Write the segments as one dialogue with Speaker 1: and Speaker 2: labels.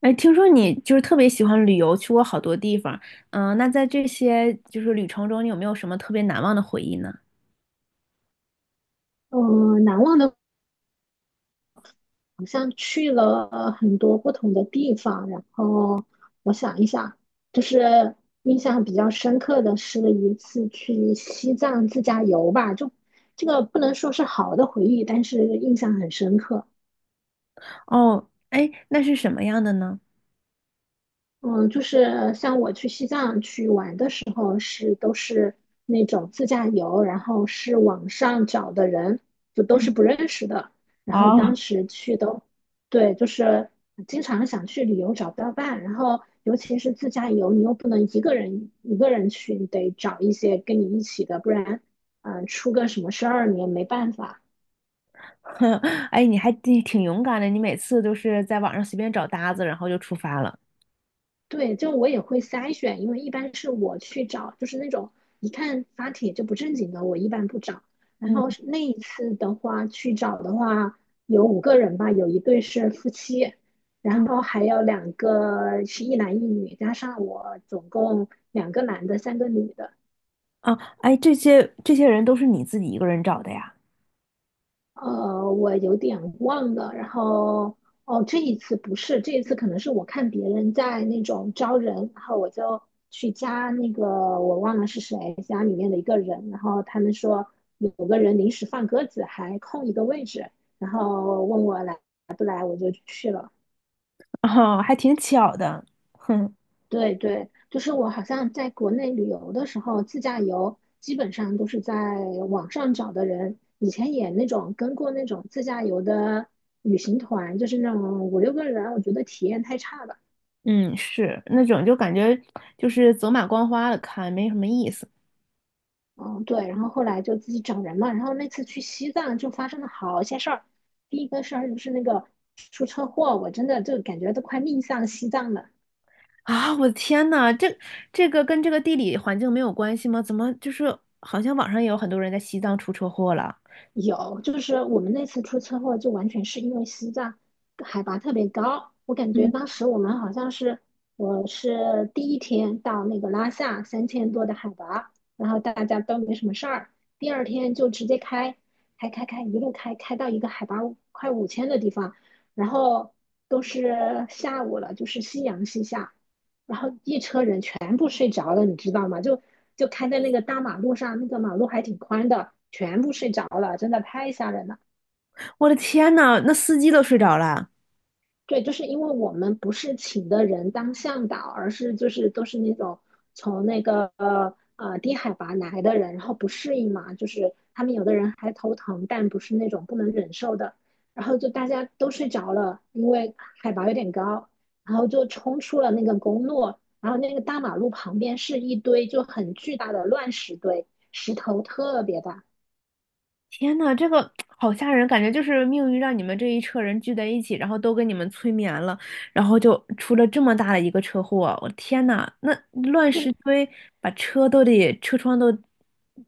Speaker 1: 哎，听说你就是特别喜欢旅游，去过好多地方。那在这些就是旅程中，你有没有什么特别难忘的回忆呢？
Speaker 2: 嗯，难忘的好像去了很多不同的地方，然后我想一想，就是印象比较深刻的是一次去西藏自驾游吧，就这个不能说是好的回忆，但是印象很深刻。
Speaker 1: 哦，哎，那是什么样的呢？
Speaker 2: 嗯，就是像我去西藏去玩的时候是，都是那种自驾游，然后是网上找的人，就都是不认识的。然后当
Speaker 1: 哦，
Speaker 2: 时去都，对，就是经常想去旅游找不到伴，然后尤其是自驾游，你又不能一个人一个人去，你得找一些跟你一起的，不然，出个什么事儿你也没办法。
Speaker 1: 哎，你还挺勇敢的，你每次都是在网上随便找搭子，然后就出发了。
Speaker 2: 对，就我也会筛选，因为一般是我去找，就是那种一看发帖就不正经的，我一般不找。然
Speaker 1: 嗯
Speaker 2: 后是那一次的话，去找的话有五个人吧，有一对是夫妻，然
Speaker 1: 嗯，
Speaker 2: 后还有两个是一男一女，加上我总共两个男的，三个女的。
Speaker 1: 啊，哎，这些人都是你自己一个人找的呀？
Speaker 2: 我有点忘了。然后，哦，这一次不是，这一次可能是我看别人在那种招人，然后我就去加那个我忘了是谁，加里面的一个人，然后他们说有个人临时放鸽子，还空一个位置，然后问我来，我就去了。
Speaker 1: 哦，还挺巧的。哼，
Speaker 2: 对对，就是我好像在国内旅游的时候，自驾游基本上都是在网上找的人。以前也那种跟过那种自驾游的旅行团，就是那种五六个人，我觉得体验太差了。
Speaker 1: 嗯，是那种就感觉就是走马观花的看，没什么意思。
Speaker 2: 嗯，对，然后后来就自己找人嘛。然后那次去西藏就发生了好些事儿。第一个事儿就是那个出车祸，我真的就感觉都快命丧西藏了。
Speaker 1: 啊，我的天呐，这个跟这个地理环境没有关系吗？怎么就是好像网上也有很多人在西藏出车祸了？
Speaker 2: 有，就是我们那次出车祸，就完全是因为西藏海拔特别高。我感觉
Speaker 1: 嗯，
Speaker 2: 当时我们好像是，我是第一天到那个拉萨3000多的海拔，然后大家都没什么事儿。第二天就直接开，开，一路开开到一个海拔快5000的地方，然后都是下午了，就是夕阳西下，然后一车人全部睡着了，你知道吗？就就开在那个大马路上，那个马路还挺宽的，全部睡着了，真的太吓人了。
Speaker 1: 我的天呐，那司机都睡着了。
Speaker 2: 对，就是因为我们不是请的人当向导，而是就是都是那种从那个低海拔来的人，然后不适应嘛，就是他们有的人还头疼，但不是那种不能忍受的，然后就大家都睡着了，因为海拔有点高，然后就冲出了那个公路，然后那个大马路旁边是一堆就很巨大的乱石堆，石头特别大。
Speaker 1: 天呐，这个好吓人，感觉就是命运让你们这一车人聚在一起，然后都给你们催眠了，然后就出了这么大的一个车祸。我的天呐，那乱石
Speaker 2: 对，
Speaker 1: 堆把车都得车窗都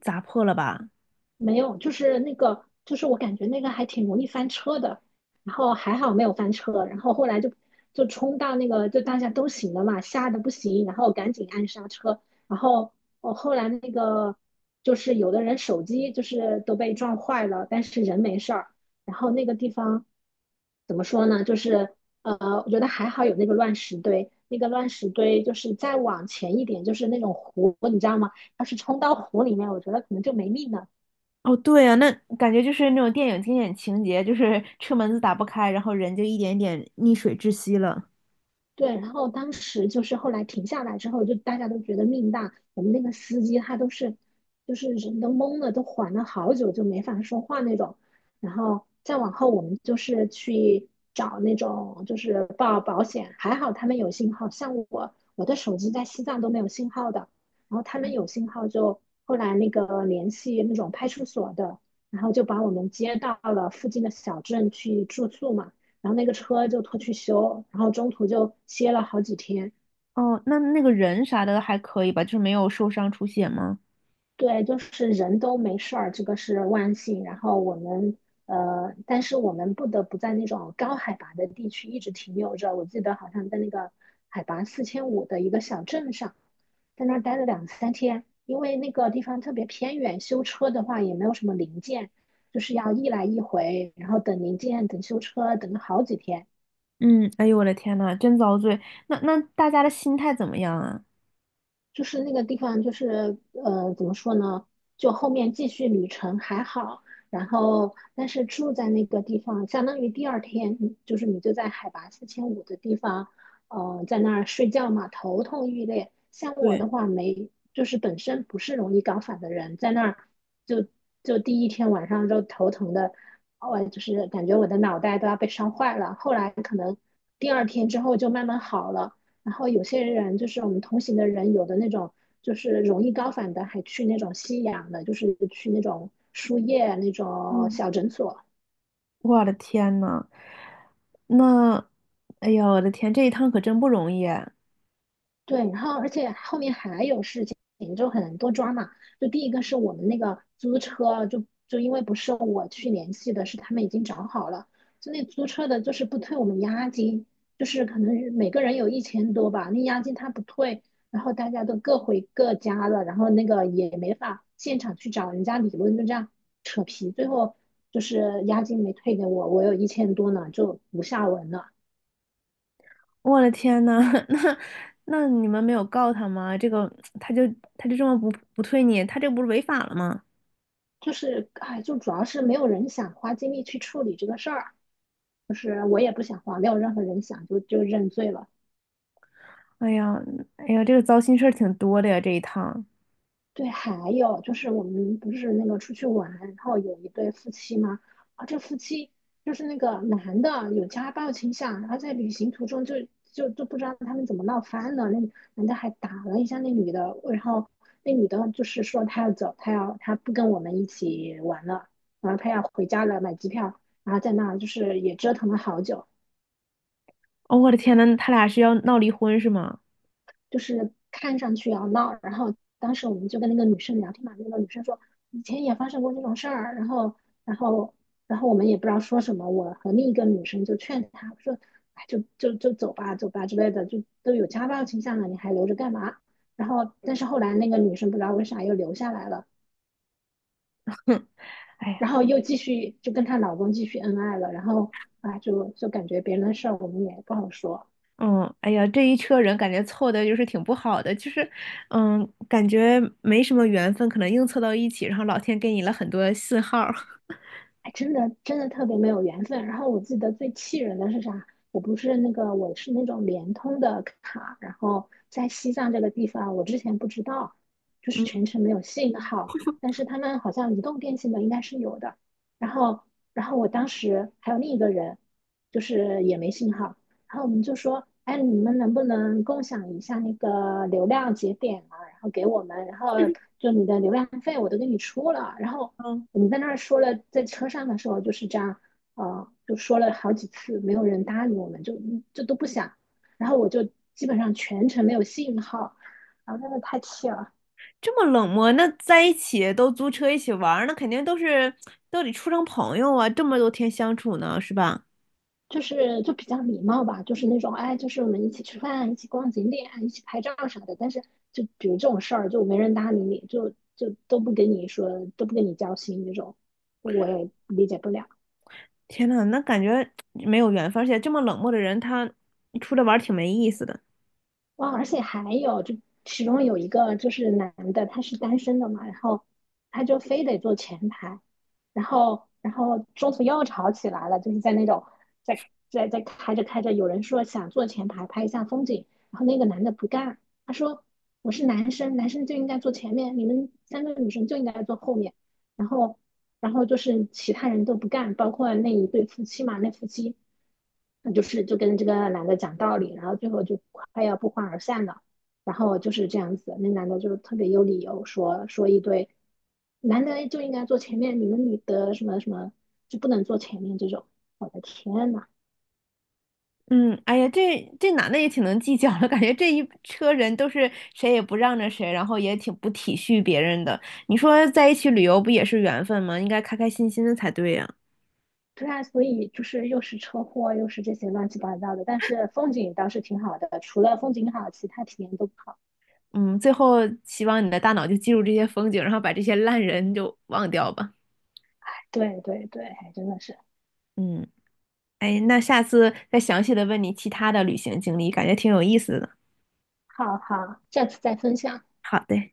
Speaker 1: 砸破了吧？
Speaker 2: 没有，就是那个，就是我感觉那个还挺容易翻车的，然后还好没有翻车，然后后来就冲到那个，就大家都醒了嘛，吓得不行，然后赶紧按刹车，然后我后来那个就是有的人手机就是都被撞坏了，但是人没事儿，然后那个地方怎么说呢，就是我觉得还好有那个乱石堆，那个乱石堆就是再往前一点就是那种湖，你知道吗？要是冲到湖里面，我觉得可能就没命了。
Speaker 1: 哦，对啊，那感觉就是那种电影经典情节，就是车门子打不开，然后人就一点点溺水窒息了。
Speaker 2: 对，然后当时就是后来停下来之后，就大家都觉得命大。我们那个司机他都是，就是人都懵了，都缓了好久就没法说话那种。然后再往后，我们就是去找那种就是报保险，还好他们有信号。像我，我的手机在西藏都没有信号的，然后他们有信号就后来那个联系那种派出所的，然后就把我们接到了附近的小镇去住宿嘛。然后那个车就拖去修，然后中途就歇了好几天。
Speaker 1: 哦，那那个人啥的还可以吧，就是没有受伤出血吗？
Speaker 2: 对，就是人都没事儿，这个是万幸。然后我们但是我们不得不在那种高海拔的地区一直停留着。我记得好像在那个海拔四千五的一个小镇上，在那儿待了两三天，因为那个地方特别偏远，修车的话也没有什么零件，就是要一来一回，然后等零件、等修车，等了好几天。
Speaker 1: 嗯，哎呦我的天呐，真遭罪。那那大家的心态怎么样啊？
Speaker 2: 就是那个地方，就是怎么说呢？就后面继续旅程还好，然后但是住在那个地方，相当于第二天，就是你就在海拔四千五的地方，在那儿睡觉嘛，头痛欲裂。像我
Speaker 1: 对，
Speaker 2: 的话没，就是本身不是容易高反的人，在那儿就第一天晚上就头疼的，我就是感觉我的脑袋都要被烧坏了。后来可能第二天之后就慢慢好了。然后有些人就是我们同行的人，有的那种就是容易高反的，还去那种吸氧的，就是去那种输液那种
Speaker 1: 嗯，
Speaker 2: 小诊所。
Speaker 1: 我的天呐，那，哎呦我的天，这一趟可真不容易啊
Speaker 2: 对，然后而且后面还有事情，就很多抓嘛。就第一个是我们那个租车，就因为不是我去联系的，是他们已经找好了，就那租车的就是不退我们押金，就是可能每个人有一千多吧，那押金他不退，然后大家都各回各家了，然后那个也没法现场去找人家理论，就这样扯皮，最后就是押金没退给我，我有一千多呢，就无下文了。
Speaker 1: 我的天呐，那那你们没有告他吗？这个他就他就这么不退你，他这不是违法了吗？
Speaker 2: 就是哎，就主要是没有人想花精力去处理这个事儿，就是我也不想花，没有任何人想就认罪了。
Speaker 1: 哎呀，哎呀，这个糟心事儿挺多的呀，这一趟。
Speaker 2: 对，还有就是我们不是那个出去玩，然后有一对夫妻吗？啊，这夫妻就是那个男的有家暴倾向，然后在旅行途中就不知道他们怎么闹翻了，那男的还打了一下那女的，然后那女的就是说她要走，她要她不跟我们一起玩了，然后她要回家了，买机票，然后在那就是也折腾了好久，
Speaker 1: 哦，我的天呐，他俩是要闹离婚是吗？
Speaker 2: 就是看上去要闹。然后当时我们就跟那个女生聊天嘛，那个女生说以前也发生过这种事儿，然后然后我们也不知道说什么，我和另一个女生就劝她说，哎，就就就走吧，走吧之类的，就都有家暴倾向了，你还留着干嘛？然后但是后来那个女生不知道为啥又留下来了，
Speaker 1: 哎呀，
Speaker 2: 然后又继续就跟她老公继续恩爱了，然后啊感觉别人的事儿我们也不好说。
Speaker 1: 嗯，哎呀，这一车人感觉凑的就是挺不好的，就是，嗯，感觉没什么缘分，可能硬凑到一起，然后老天给你了很多信号儿
Speaker 2: 哎，真的真的特别没有缘分。然后我记得最气人的是啥？我不是那个，我是那种联通的卡，然后在西藏这个地方，我之前不知道，就是
Speaker 1: 嗯
Speaker 2: 全程没有信号，但是他们好像移动电信的应该是有的。然后，然后我当时还有另一个人，就是也没信号，然后我们就说，哎，你们能不能共享一下那个流量节点啊？然后给我们，然后就你的流量费我都给你出了，然后。
Speaker 1: 嗯，
Speaker 2: 我们在那儿说了，在车上的时候就是这样，就说了好几次，没有人搭理我们，就都不想。然后我就基本上全程没有信号，然后真的太气了，
Speaker 1: 这么冷漠，那在一起都租车一起玩儿，那肯定都是都得处成朋友啊，这么多天相处呢，是吧？
Speaker 2: 就是就比较礼貌吧，就是那种哎，就是我们一起吃饭，一起逛景点，一起拍照啥的。但是就比如这种事儿，就没人搭理你，就都不跟你说，都不跟你交心那种，我也理解不了。
Speaker 1: 天呐，那感觉没有缘分，而且这么冷漠的人，他出来玩儿挺没意思的。
Speaker 2: 哇，而且还有，就其中有一个就是男的，他是单身的嘛，然后他就非得坐前排，然后中途又吵起来了，就是在那种在在开着开着，有人说想坐前排拍一下风景，然后那个男的不干，他说我是男生，男生就应该坐前面，你们三个女生就应该坐后面，然后然后就是其他人都不干，包括那一对夫妻嘛，那夫妻那就是就跟这个男的讲道理，然后最后就快要不欢而散了。然后就是这样子，那男的就特别有理由说说一堆，男的就应该坐前面，你们女的什么什么就不能坐前面这种。我的天呐，
Speaker 1: 嗯，哎呀，这男的也挺能计较的，感觉这一车人都是谁也不让着谁，然后也挺不体恤别人的。你说在一起旅游不也是缘分吗？应该开开心心的才对呀。
Speaker 2: 对啊，所以就是又是车祸，又是这些乱七八糟的，但是风景倒是挺好的，除了风景好，其他体验都不好。
Speaker 1: 嗯，最后希望你的大脑就记住这些风景，然后把这些烂人就忘掉吧。
Speaker 2: 对对对，还真的是。
Speaker 1: 嗯，哎，那下次再详细的问你其他的旅行经历，感觉挺有意思的。
Speaker 2: 好好，下次再分享。
Speaker 1: 好的。